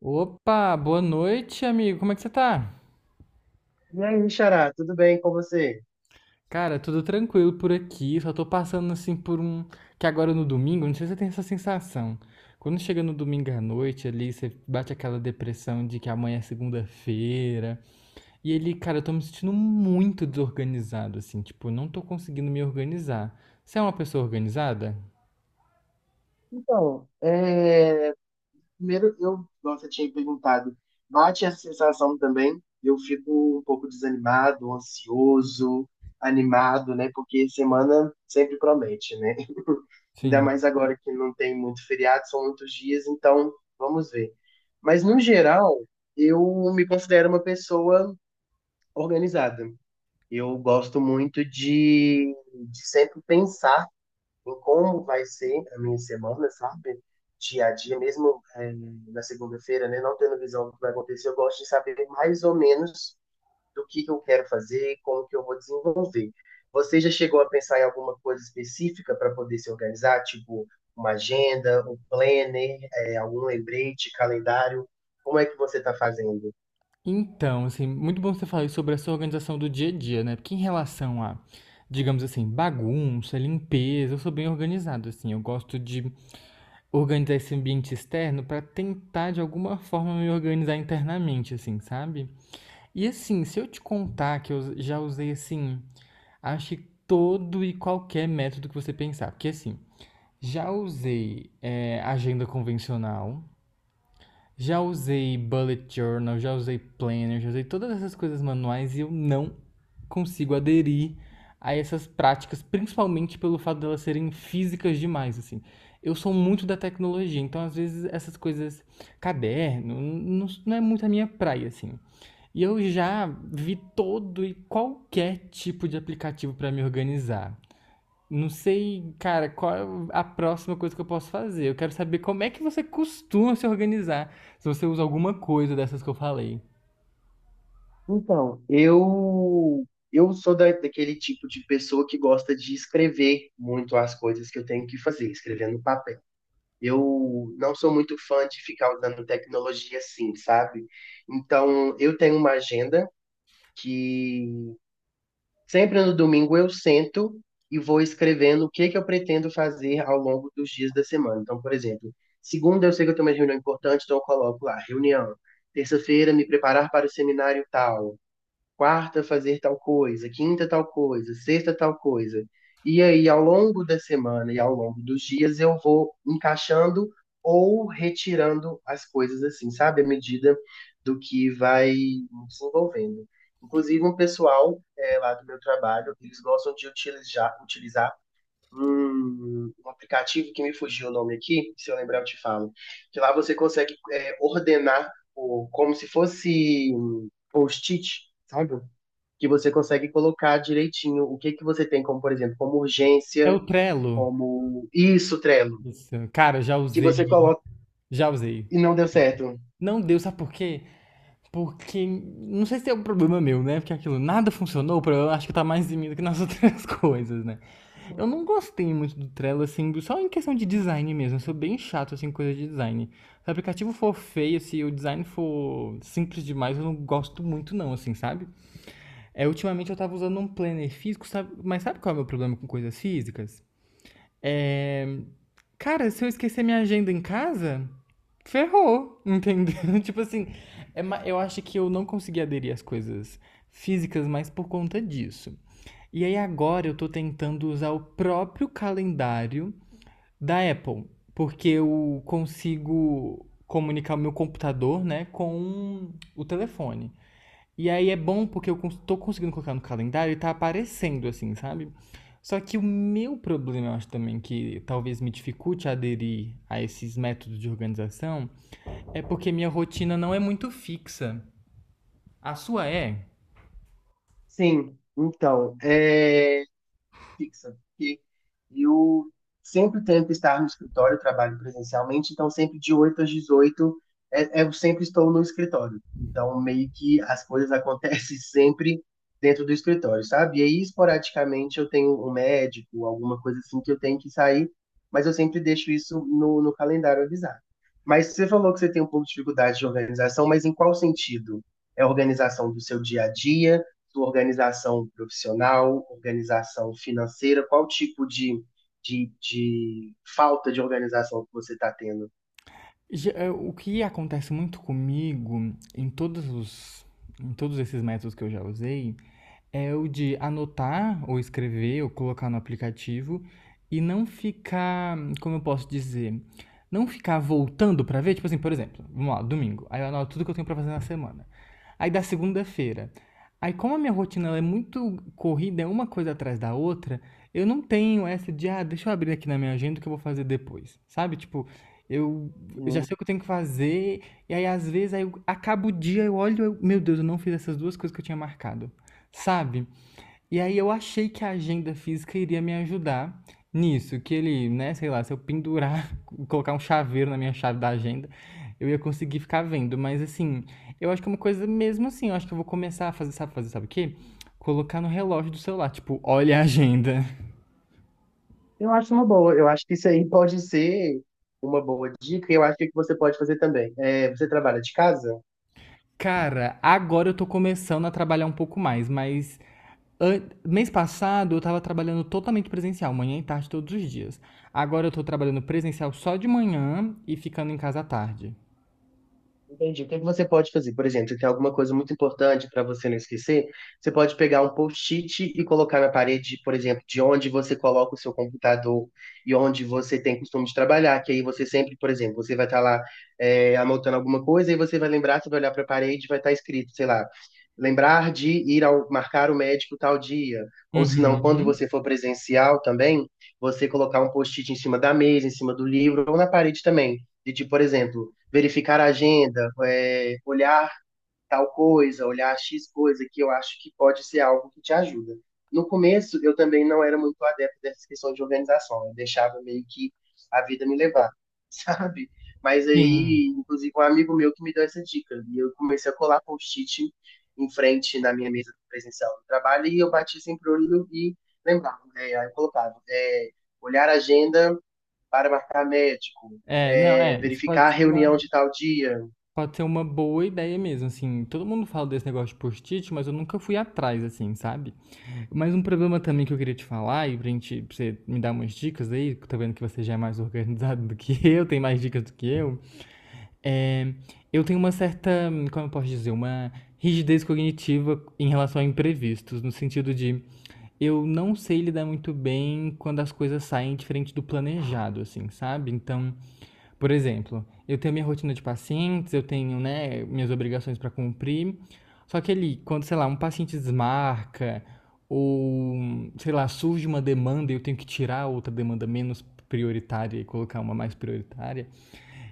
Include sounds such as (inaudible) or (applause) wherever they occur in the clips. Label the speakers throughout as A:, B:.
A: Opa, boa noite, amigo. Como é que você tá?
B: E aí, Xará, tudo bem com você?
A: Cara, tudo tranquilo por aqui. Só tô passando assim por um. Que agora é no domingo, não sei se você tem essa sensação. Quando chega no domingo à noite ali, você bate aquela depressão de que amanhã é segunda-feira. E ele, cara, eu tô me sentindo muito desorganizado, assim. Tipo, eu não tô conseguindo me organizar. Você é uma pessoa organizada?
B: Então, primeiro eu, como você tinha perguntado, bate essa sensação também. Eu fico um pouco desanimado, ansioso, animado, né? Porque semana sempre promete, né? (laughs) Ainda
A: Sim.
B: mais agora que não tem muito feriado, são muitos dias, então vamos ver. Mas no geral, eu me considero uma pessoa organizada. Eu gosto muito de sempre pensar em como vai ser a minha semana, sabe? Dia a dia, mesmo na segunda-feira, né? Não tendo visão do que vai acontecer, eu gosto de saber mais ou menos do que eu quero fazer, como que eu vou desenvolver. Você já chegou a pensar em alguma coisa específica para poder se organizar, tipo uma agenda, um planner, algum lembrete, calendário? Como é que você está fazendo?
A: Então, assim, muito bom você falar sobre essa organização do dia a dia, né? Porque em relação a, digamos assim, bagunça, limpeza, eu sou bem organizado, assim. Eu gosto de organizar esse ambiente externo para tentar, de alguma forma, me organizar internamente, assim, sabe? E assim, se eu te contar que eu já usei, assim, acho que todo e qualquer método que você pensar. Porque, assim, já usei, agenda convencional. Já usei bullet journal, já usei planner, já usei todas essas coisas manuais e eu não consigo aderir a essas práticas, principalmente pelo fato delas serem físicas demais, assim. Eu sou muito da tecnologia, então às vezes essas coisas, caderno, não é muito a minha praia, assim. E eu já vi todo e qualquer tipo de aplicativo para me organizar. Não sei, cara, qual é a próxima coisa que eu posso fazer. Eu quero saber como é que você costuma se organizar, se você usa alguma coisa dessas que eu falei.
B: Então, eu sou daquele tipo de pessoa que gosta de escrever muito as coisas que eu tenho que fazer, escrever no papel. Eu não sou muito fã de ficar usando tecnologia assim, sabe? Então, eu tenho uma agenda que sempre no domingo eu sento e vou escrevendo o que que eu pretendo fazer ao longo dos dias da semana. Então, por exemplo, segunda eu sei que eu tenho uma reunião importante, então eu coloco lá, reunião. Terça-feira, me preparar para o seminário tal, quarta fazer tal coisa, quinta tal coisa, sexta tal coisa. E aí, ao longo da semana e ao longo dos dias, eu vou encaixando ou retirando as coisas assim, sabe? À medida do que vai me desenvolvendo. Inclusive, um pessoal lá do meu trabalho, eles gostam de utilizar um aplicativo que me fugiu o nome aqui, se eu lembrar eu te falo, que lá você consegue ordenar o, como se fosse um post-it, sabe? Que você consegue colocar direitinho o que que você tem como, por exemplo, como
A: É
B: urgência,
A: o Trello?
B: como isso, Trello,
A: Isso. Cara, já
B: que
A: usei,
B: você coloca
A: já usei.
B: e não deu certo.
A: Não deu, sabe por quê? Porque, não sei se é um problema meu, né? Porque aquilo, nada funcionou, o problema acho que tá mais em mim do que nas outras (laughs) coisas, né? Eu não gostei muito do Trello, assim, só em questão de design mesmo. Eu sou bem chato, assim, com coisa de design. Se o aplicativo for feio, se o design for simples demais, eu não gosto muito não, assim, sabe? É, ultimamente eu tava usando um planner físico, sabe? Mas sabe qual é o meu problema com coisas físicas? É, cara, se eu esquecer minha agenda em casa, ferrou, entendeu? (laughs) Tipo assim, é, eu acho que eu não consegui aderir às coisas físicas mais por conta disso. E aí agora eu tô tentando usar o próprio calendário da Apple, porque eu consigo comunicar o meu computador, né, com o telefone. E aí é bom porque eu tô conseguindo colocar no calendário e tá aparecendo assim, sabe? Só que o meu problema, eu acho também que talvez me dificulte aderir a esses métodos de organização, é porque minha rotina não é muito fixa. A sua é?
B: Sim, então, fixa, porque eu sempre tento estar no escritório, trabalho presencialmente, então sempre de 8h às 18h, eu sempre estou no escritório. Então meio que as coisas (laughs) acontecem sempre dentro do escritório, sabe? E aí esporadicamente eu tenho um médico, alguma coisa assim que eu tenho que sair, mas eu sempre deixo isso no calendário avisado. Mas você falou que você tem um pouco de dificuldade de organização, mas em qual sentido? É a organização do seu dia a dia? Sua organização profissional, organização financeira, qual tipo de falta de organização que você está tendo?
A: É, o que acontece muito comigo em todos os em todos esses métodos que eu já usei é o de anotar ou escrever ou colocar no aplicativo e não ficar, como eu posso dizer, não ficar voltando pra ver, tipo assim, por exemplo, vamos lá, domingo, aí eu anoto tudo que eu tenho pra fazer na semana. Aí da segunda-feira, aí como a minha rotina ela é muito corrida, é uma coisa atrás da outra, eu não tenho essa de, ah, deixa eu abrir aqui na minha agenda o que eu vou fazer depois, sabe? Tipo, eu eu já
B: Uhum.
A: sei o que eu tenho que fazer, e aí às vezes aí eu acabo o dia, eu olho, eu, meu Deus, eu não fiz essas duas coisas que eu tinha marcado. Sabe? E aí eu achei que a agenda física iria me ajudar nisso, que ele, né, sei lá, se eu pendurar, (laughs) colocar um chaveiro na minha chave da agenda, eu ia conseguir ficar vendo. Mas assim, eu acho que é uma coisa mesmo assim, eu acho que eu vou começar a fazer, sabe o quê? Colocar no relógio do celular, tipo, olha a agenda.
B: Eu acho uma boa, eu acho que isso aí pode ser uma boa dica, e eu acho que o que você pode fazer também. Você trabalha de casa?
A: (laughs) Cara, agora eu tô começando a trabalhar um pouco mais, mas mês passado eu estava trabalhando totalmente presencial, manhã e tarde todos os dias. Agora eu estou trabalhando presencial só de manhã e ficando em casa à tarde.
B: Entendi. O que é que você pode fazer? Por exemplo, se tem alguma coisa muito importante para você não esquecer, você pode pegar um post-it e colocar na parede, por exemplo, de onde você coloca o seu computador e onde você tem costume de trabalhar, que aí você sempre, por exemplo, você vai estar lá anotando alguma coisa e você vai lembrar, você vai olhar para a parede e vai estar escrito, sei lá, lembrar de ir ao marcar o médico tal dia. Ou se não, quando
A: Uhum.
B: você for presencial também, você colocar um post-it em cima da mesa, em cima do livro ou na parede também. De tipo, por exemplo, verificar a agenda, olhar tal coisa, olhar X coisa, que eu acho que pode ser algo que te ajuda. No começo, eu também não era muito adepto dessa questão de organização, eu deixava meio que a vida me levar, (laughs) sabe? Mas
A: Sim.
B: aí, inclusive, um amigo meu que me deu essa dica, e eu comecei a colar post-it em frente na minha mesa presencial do trabalho, e eu bati sempre o olho e lembrava, né? Aí eu colocava, olhar a agenda para marcar médico,
A: É, não, é, Isso
B: verificar
A: pode
B: a
A: ser
B: reunião de tal dia.
A: pode ser uma boa ideia mesmo, assim. Todo mundo fala desse negócio de post-it, mas eu nunca fui atrás, assim, sabe? Mas um problema também que eu queria te falar, e pra gente, pra você me dar umas dicas aí, que eu tô vendo que você já é mais organizado do que (laughs) eu, tem mais dicas do que eu. É, eu tenho uma certa, como eu posso dizer, uma rigidez cognitiva em relação a imprevistos, no sentido de eu não sei lidar muito bem quando as coisas saem diferente do planejado, assim, sabe? Então, por exemplo, eu tenho minha rotina de pacientes, eu tenho, né, minhas obrigações para cumprir, só que ali, quando, sei lá, um paciente desmarca, ou, sei lá, surge uma demanda e eu tenho que tirar outra demanda menos prioritária e colocar uma mais prioritária.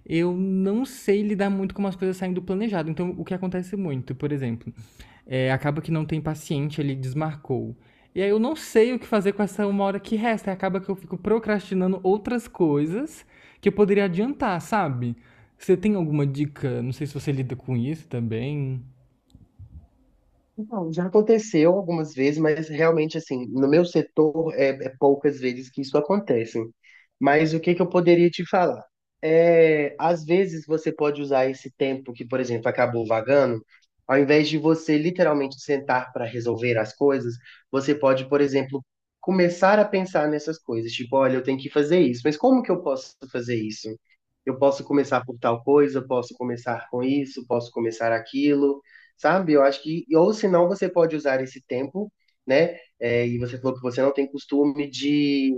A: Eu não sei lidar muito com as coisas saindo do planejado. Então, o que acontece muito, por exemplo, é, acaba que não tem paciente, ele desmarcou. E aí eu não sei o que fazer com essa uma hora que resta. Acaba que eu fico procrastinando outras coisas que eu poderia adiantar, sabe? Você tem alguma dica? Não sei se você lida com isso também.
B: Então, já aconteceu algumas vezes, mas realmente, assim, no meu setor é poucas vezes que isso acontece. Mas o que que eu poderia te falar? Às vezes você pode usar esse tempo que, por exemplo, acabou vagando, ao invés de você literalmente sentar para resolver as coisas, você pode, por exemplo, começar a pensar nessas coisas. Tipo, olha, eu tenho que fazer isso, mas como que eu posso fazer isso? Eu posso começar por tal coisa, posso começar com isso, posso começar aquilo, sabe? Eu acho que, ou se não, você pode usar esse tempo, né? É, e você falou que você não tem costume de,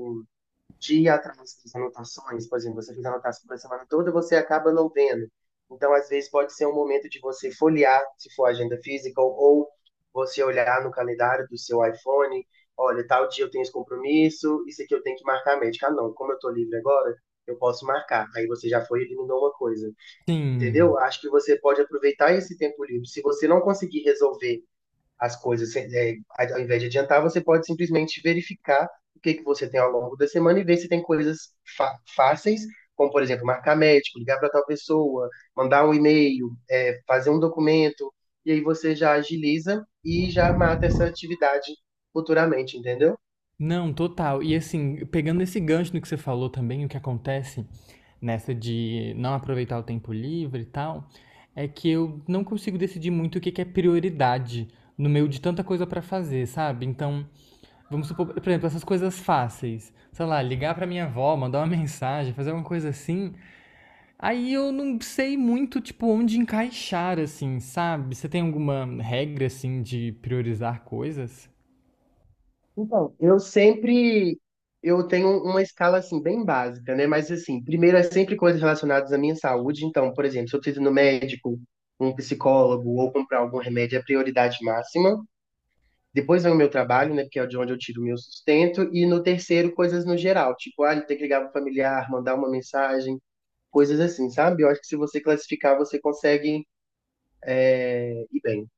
B: de ir atrás das anotações, por exemplo, você fez anotação para a semana toda, você acaba não vendo. Então, às vezes, pode ser um momento de você folhear, se for agenda física, ou você olhar no calendário do seu iPhone, olha, tal dia eu tenho esse compromisso, isso aqui eu tenho que marcar médica. Ah, não, como eu tô livre agora, eu posso marcar. Aí você já foi e eliminou uma coisa,
A: Sim.
B: entendeu? Acho que você pode aproveitar esse tempo livre. Se você não conseguir resolver as coisas, ao invés de adiantar, você pode simplesmente verificar o que que você tem ao longo da semana e ver se tem coisas fáceis, como, por exemplo, marcar médico, ligar para tal pessoa, mandar um e-mail, fazer um documento, e aí você já agiliza e já mata essa atividade futuramente, entendeu?
A: Não, total. E assim, pegando esse gancho no que você falou também, o que acontece nessa de não aproveitar o tempo livre e tal, é que eu não consigo decidir muito o que que é prioridade no meio de tanta coisa pra fazer, sabe? Então, vamos supor, por exemplo, essas coisas fáceis, sei lá, ligar pra minha avó, mandar uma (laughs) mensagem, fazer alguma coisa assim. Aí eu não sei muito, tipo, onde encaixar, assim, sabe? Você tem alguma regra, assim, de priorizar coisas?
B: Então, eu tenho uma escala assim bem básica, né? Mas assim, primeiro é sempre coisas relacionadas à minha saúde. Então, por exemplo, se eu preciso ir no médico, um psicólogo ou comprar algum remédio, é prioridade máxima. Depois vem o meu trabalho, né? Porque é de onde eu tiro o meu sustento. E no terceiro, coisas no geral, tipo, ah, tem que ligar para o familiar, mandar uma mensagem, coisas assim, sabe? Eu acho que se você classificar, você consegue ir bem.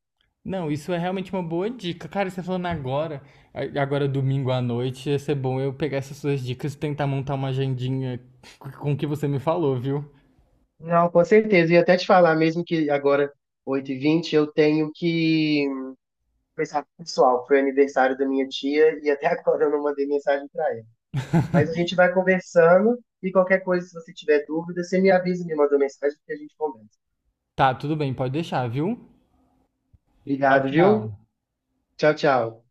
A: Não, isso é realmente uma boa dica. Cara, você falando agora, agora é domingo à noite, ia ser bom eu pegar essas suas dicas e tentar montar uma agendinha com o que você me falou, viu?
B: Não, com certeza. E até te falar mesmo que agora, 8h20 eu tenho que pensar, pessoal, foi aniversário da minha tia e até (laughs) agora eu não mandei mensagem para ela. Mas a gente vai conversando e qualquer coisa, se você tiver dúvida, você me avisa, me manda uma mensagem que a gente conversa.
A: Tá, tudo bem, pode deixar, viu? Tchau,
B: Obrigado, viu?
A: tchau.
B: Tchau, tchau.